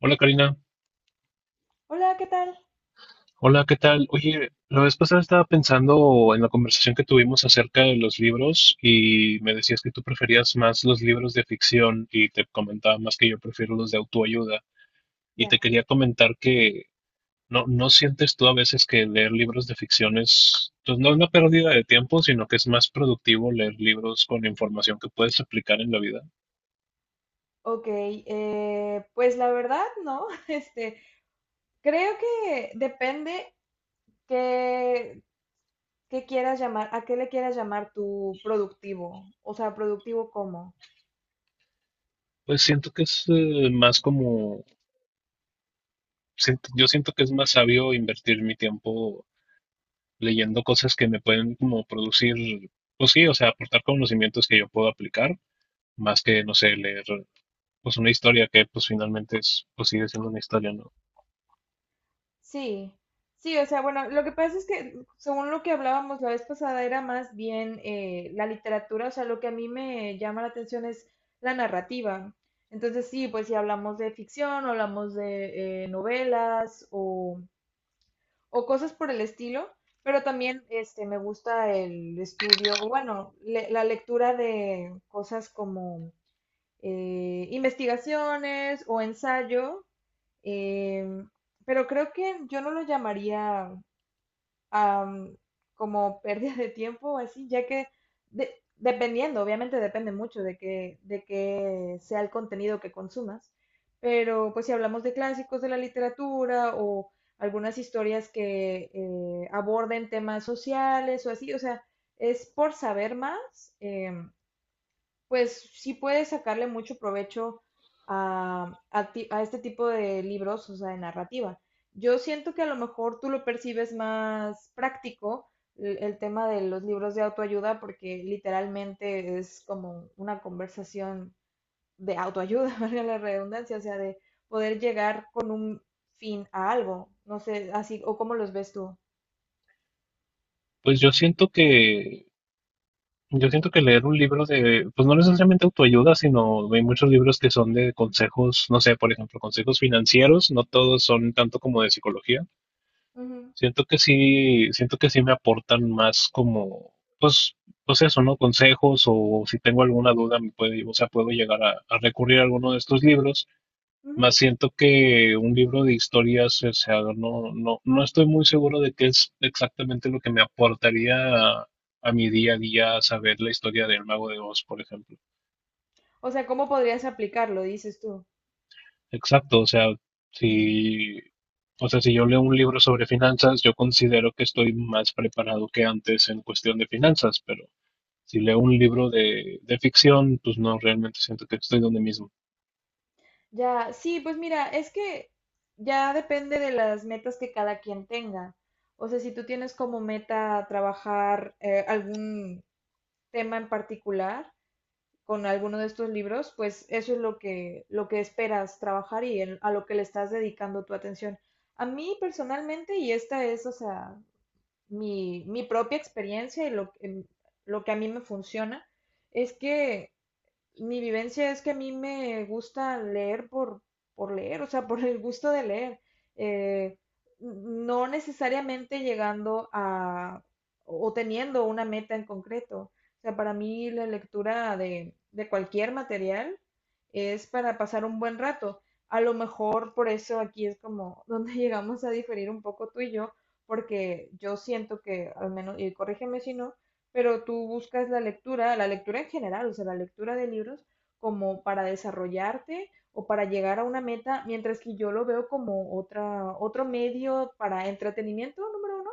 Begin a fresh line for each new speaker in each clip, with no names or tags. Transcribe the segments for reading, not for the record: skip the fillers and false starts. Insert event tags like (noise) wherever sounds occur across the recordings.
Hola Karina,
Hola, ¿qué tal?
hola, ¿qué tal? Oye, la vez pasada estaba pensando en la conversación que tuvimos acerca de los libros y me decías que tú preferías más los libros de ficción y te comentaba más que yo prefiero los de autoayuda y te
Ya.
quería comentar que no sientes tú a veces que leer libros de ficción es, pues no es una pérdida de tiempo, sino que es más productivo leer libros con información que puedes aplicar en la vida.
Ok, pues la verdad, ¿no? (laughs) Creo que depende qué, qué quieras llamar, a qué le quieras llamar tu productivo. O sea, ¿productivo cómo?
Pues siento que es más como, yo siento que es más sabio invertir mi tiempo leyendo cosas que me pueden como producir, pues sí, o sea, aportar conocimientos que yo puedo aplicar, más que, no sé, leer pues una historia que pues finalmente es, pues sigue siendo una historia, ¿no?
Sí, sí, o sea, bueno, lo que pasa es que según lo que hablábamos la vez pasada era más bien la literatura, o sea, lo que a mí me llama la atención es la narrativa. Entonces, sí, pues si hablamos de ficción, hablamos de novelas o cosas por el estilo, pero también me gusta el estudio, o bueno, la lectura de cosas como investigaciones o ensayo, em, pero creo que yo no lo llamaría am, como pérdida de tiempo, así, ya que de- dependiendo, obviamente depende mucho de que sea el contenido que consumas, pero pues si hablamos de clásicos de la literatura o algunas historias que aborden temas sociales o así, o sea, es por saber más. Pues sí puedes sacarle mucho provecho a este tipo de libros, o sea, de narrativa. Yo siento que a lo mejor tú lo percibes más práctico el tema de los libros de autoayuda, porque literalmente es como una conversación de autoayuda, (laughs) valga la redundancia, o sea, de poder llegar con un fin a algo. No sé, así, o cómo los ves tú.
Pues yo siento que leer un libro de, pues no necesariamente autoayuda, sino hay muchos libros que son de consejos, no sé, por ejemplo, consejos financieros, no todos son tanto como de psicología.
Ujú,
Siento que sí me aportan más como, pues, pues eso, ¿no? Consejos o si tengo alguna duda me puede, o sea, puedo llegar a recurrir a alguno de estos libros.
ujú.
Más siento que un libro de historias, o sea, no estoy muy seguro de qué es exactamente lo que me aportaría a, a mi día a día saber la historia del Mago de Oz, por ejemplo.
O sea, ¿cómo podrías aplicarlo, dices tú?
Exacto,
Mm.
si, o sea, si yo leo un libro sobre finanzas, yo considero que estoy más preparado que antes en cuestión de finanzas, pero si leo un libro de ficción, pues no, realmente siento que estoy donde mismo.
Ya, sí, pues mira, es que ya depende de las metas que cada quien tenga. O sea, si tú tienes como meta trabajar algún tema en particular con alguno de estos libros, pues eso es lo que esperas trabajar y a lo que le estás dedicando tu atención. A mí personalmente, y esta es, o sea, mi propia experiencia y lo que a mí me funciona, es que mi vivencia es que a mí me gusta leer por leer, o sea, (laughs) por el gusto de leer. Eh, no necesariamente llegando a o teniendo una meta en concreto. O sea, para mí la lectura de cualquier material es para pasar un buen rato. A lo mejor por eso aquí es como donde (laughs) llegamos a diferir un poco tú y yo, porque yo siento que, al menos, y corrígeme si no, pero tú buscas la lectura en general, o sea, la lectura de libros como para desarrollarte o para llegar a una meta, mientras que yo lo veo como otra, otro medio para entretenimiento, número uno.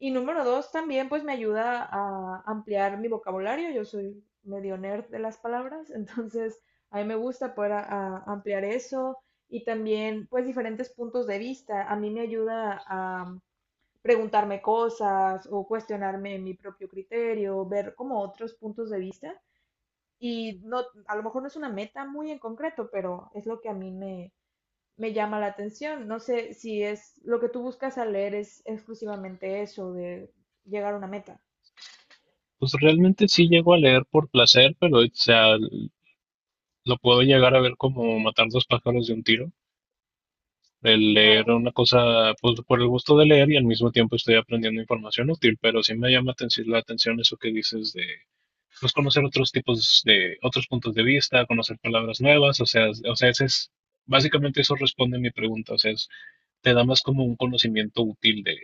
Y número dos, también pues me ayuda a ampliar mi vocabulario. Yo soy medio nerd de las palabras, (laughs) entonces a mí me gusta poder ampliar eso y también pues diferentes puntos de vista. A mí me ayuda a preguntarme cosas o cuestionarme mi propio criterio, ver como otros puntos de vista. Y no, a lo mejor no es una meta muy en concreto, pero es lo que a mí me llama la atención. No sé si es lo que tú buscas al leer es exclusivamente eso de llegar a una meta.
Pues realmente sí llego a leer por placer, pero o sea, lo puedo llegar a ver como matar dos pájaros de un tiro. El
Ah,
leer
ok.
una cosa pues, por el gusto de leer y al mismo tiempo estoy aprendiendo información útil, pero sí me llama la atención eso que dices de pues, conocer otros tipos de otros puntos de vista, conocer palabras nuevas, o sea, es- o sea, ese es básicamente eso responde a mi pregunta, o sea, es- te da más como un conocimiento útil de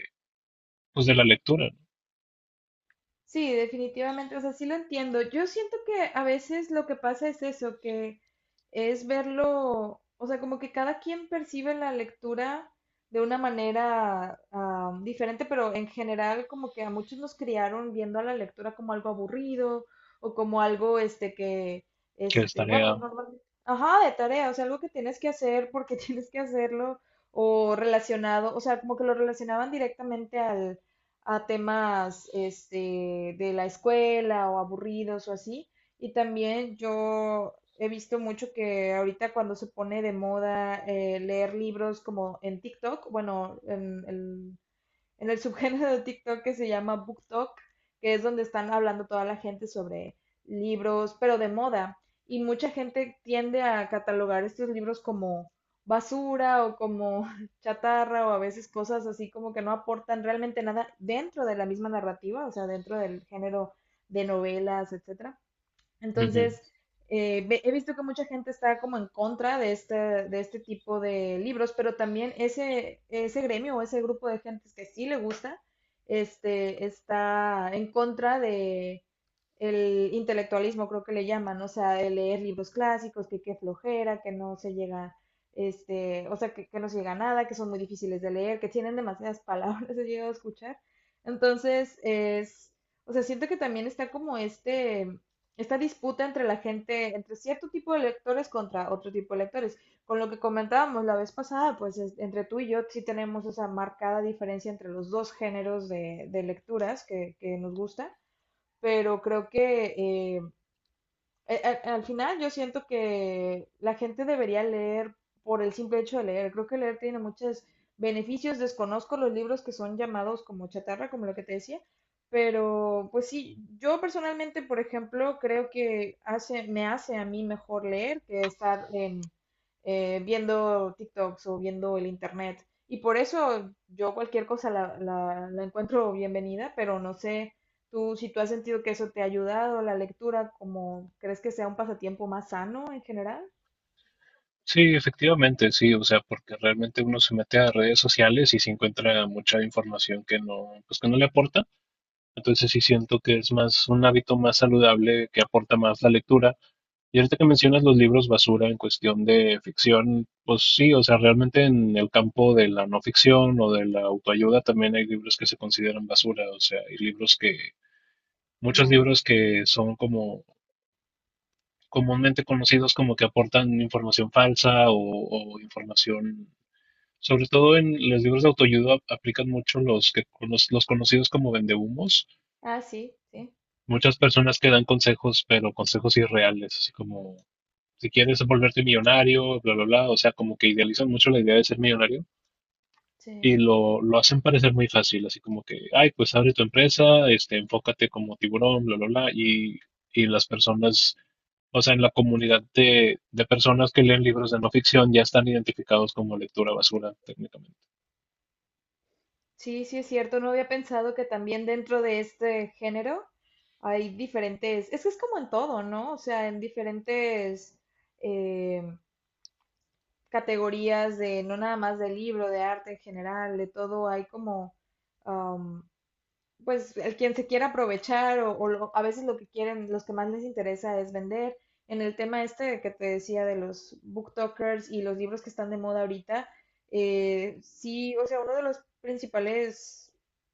pues de la lectura, ¿no?
Sí, definitivamente, o sea, sí lo entiendo. Yo siento que a veces lo que pasa es eso, que es verlo, o sea, como que cada quien percibe la lectura de una manera diferente, pero en general como que a muchos nos criaron viendo a la lectura como algo aburrido o como algo,
Que es
bueno,
tarea.
normalmente, ajá, de tarea, o sea, algo que tienes que hacer porque (laughs) tienes que hacerlo o relacionado, o sea, como que lo relacionaban directamente al a temas de la escuela o aburridos o así. Y también yo he visto mucho que ahorita cuando se pone de moda leer libros como en TikTok, bueno, en el subgénero de TikTok que se llama BookTok, que es donde están hablando toda la gente sobre libros, pero de moda. Y mucha gente tiende a catalogar estos libros como basura o como (laughs) chatarra o a veces cosas así como que no aportan realmente nada dentro de la misma narrativa, o sea, dentro del género de novelas, etcétera.
Ujú.
Entonces, he visto que mucha gente está como en contra de este tipo de libros, pero también ese gremio o ese grupo de gentes que sí le gusta, está en contra de el intelectualismo, creo que le llaman, o sea, de leer libros clásicos, que qué flojera, que no se llega, o sea, que no se llega a nada, que son muy difíciles de leer, que tienen demasiadas palabras, (laughs) he llegado a escuchar. Entonces, es, o sea, siento que también está como esta disputa entre la gente, entre cierto tipo de lectores contra otro tipo de lectores. Con lo que comentábamos la vez pasada, pues entre tú y yo sí tenemos esa marcada diferencia entre los dos géneros de lecturas que nos gusta, pero creo que eh, al final yo siento que la gente debería leer por el simple hecho de leer. Creo que leer tiene muchos beneficios. Desconozco los libros que son llamados como chatarra, como lo que te decía. Pero pues sí, yo personalmente, por ejemplo, creo que me hace a mí mejor leer que estar viendo TikToks o viendo el internet. Y por eso yo cualquier cosa la encuentro bienvenida, pero no sé. Si tú has sentido que eso te ha ayudado, la lectura, como crees que sea un pasatiempo más sano en general?
Sí, efectivamente, sí, o sea, porque realmente uno se mete a redes sociales y se encuentra mucha información que no pues que no le aporta. Entonces sí siento que es más un hábito más saludable que aporta más la lectura. Y ahorita que mencionas los libros basura en cuestión de ficción, pues sí, o sea, realmente en el campo de la no ficción o de la autoayuda también hay libros que se consideran basura, o sea, hay libros que, muchos
Ya.
libros que son como comúnmente conocidos como que aportan información falsa o información, sobre todo en los libros de autoayuda aplican mucho los que los conocidos como vendehumos.
Ah, sí, sí,
Muchas personas que dan consejos, pero consejos irreales, así como si quieres volverte millonario, bla, bla, bla, o sea, como que idealizan mucho la idea de ser millonario y
sí.
lo hacen parecer muy fácil, así como que, ay, pues abre tu empresa, este, enfócate como tiburón, bla, bla, bla, y las personas, o sea, en la comunidad de personas que leen libros de no ficción ya están identificados como lectura basura, técnicamente.
Sí, sí es cierto. No había pensado que también dentro de este género hay diferentes. Es que es como en todo, ¿no? O sea, en diferentes eh, categorías de, no nada más de libro, de arte en general, de todo, hay como pues el quien se quiera aprovechar o a veces lo que quieren, los que más les interesa es vender. En el tema este que te decía de los booktokers y los libros que están de moda ahorita, sí, o sea, uno de los principales,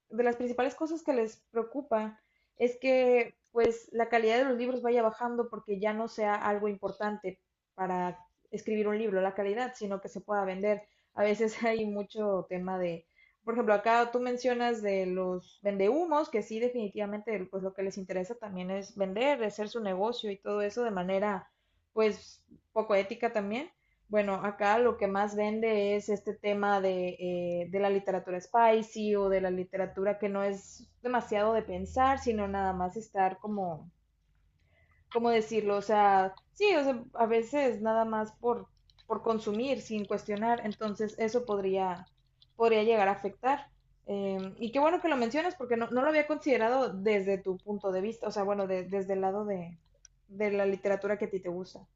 de las principales cosas que les preocupa es que pues la calidad de los libros vaya bajando porque ya no sea algo importante para escribir un libro, la calidad, sino que se pueda vender. A veces (laughs) hay mucho tema de por ejemplo, acá tú mencionas de los vendehumos, que sí, definitivamente, pues lo que les interesa también es vender, hacer su negocio y todo eso de manera, pues, poco ética también. Bueno, acá lo que más vende es este tema de la literatura spicy o de la literatura que no es demasiado de pensar, sino nada más estar como ¿cómo decirlo? O sea, sí, o sea, a veces nada más por consumir sin cuestionar, entonces eso podría llegar a afectar. Y qué bueno que lo mencionas porque no lo había considerado desde tu punto de vista, o sea, bueno, desde el lado de la literatura que a ti te gusta.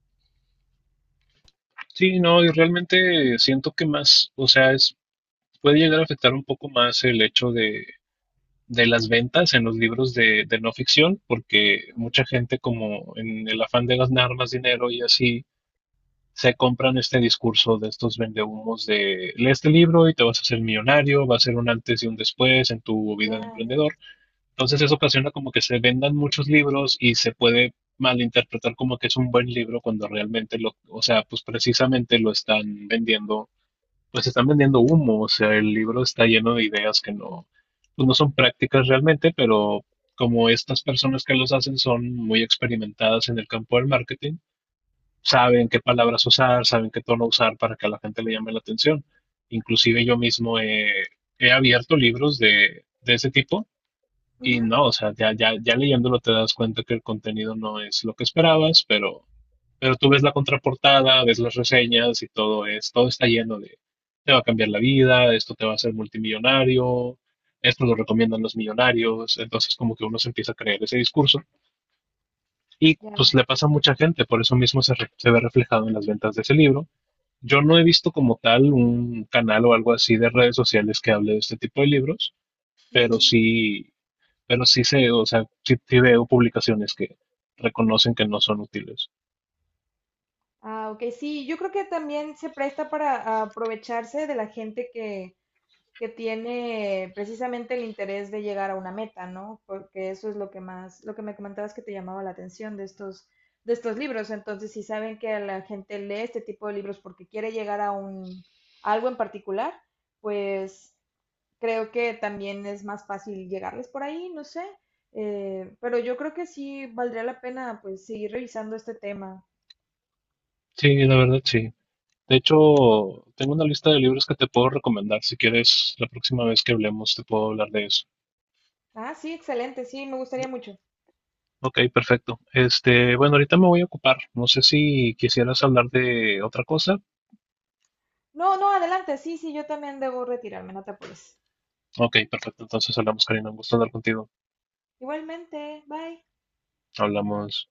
Sí, no, y realmente siento que más, o sea, es, puede llegar a afectar un poco más el hecho de las ventas en los libros de no ficción, porque mucha gente como en el afán de ganar más dinero y así, se compran este discurso de estos vendehumos de lee este libro y te vas a hacer millonario, va a ser un antes y un después en tu vida
Ya,
de
ya.
emprendedor. Entonces eso ocasiona como que se vendan muchos libros y se puede malinterpretar como que es un buen libro cuando realmente lo, o sea, pues precisamente lo están vendiendo pues están vendiendo humo, o sea, el libro está lleno de ideas que no, pues no son prácticas realmente, pero como estas personas que los hacen son muy experimentadas en el campo del marketing, saben qué palabras usar, saben qué tono usar para que a la gente le llame la atención. Inclusive yo mismo he, he abierto libros de ese tipo y
Ujú,
no, o sea, ya leyéndolo te das cuenta que el contenido no es lo que esperabas, pero tú ves la contraportada, ves las reseñas y todo es, todo está lleno de, te va a cambiar la vida, esto te va a hacer multimillonario, esto lo recomiendan los millonarios, entonces como que uno se empieza a creer ese discurso y pues
ya.
le pasa a mucha gente, por eso mismo se, se ve reflejado en las ventas de ese libro. Yo no he visto como tal un canal o algo así de redes sociales que hable de este tipo de libros, pero
Mm.
sí, pero sí sé, o sea, sí, sí veo publicaciones que reconocen que no son útiles.
Ah, ok, sí, yo creo que también se presta para aprovecharse de la gente que tiene precisamente el interés de llegar a una meta, ¿no? Porque eso es lo que me comentabas que te llamaba la atención de estos libros. Entonces, si saben que la gente lee este tipo de libros porque quiere llegar a algo en particular, pues creo que también es más fácil llegarles por ahí, no sé. Pero yo creo que sí valdría la pena pues seguir revisando este tema.
Sí, la verdad, sí. De hecho, tengo una lista de libros que te puedo recomendar. Si quieres, la próxima vez que hablemos, te puedo hablar de eso.
Ah, sí, excelente, sí, me gustaría mucho.
Ok, perfecto. Este, bueno, ahorita me voy a ocupar. No sé si quisieras hablar de otra cosa.
No, no, adelante, sí, sí, yo también debo retirarme, no te apures.
Ok, perfecto. Entonces hablamos, Karina. Un gusto hablar contigo.
Igualmente, bye.
Hablamos.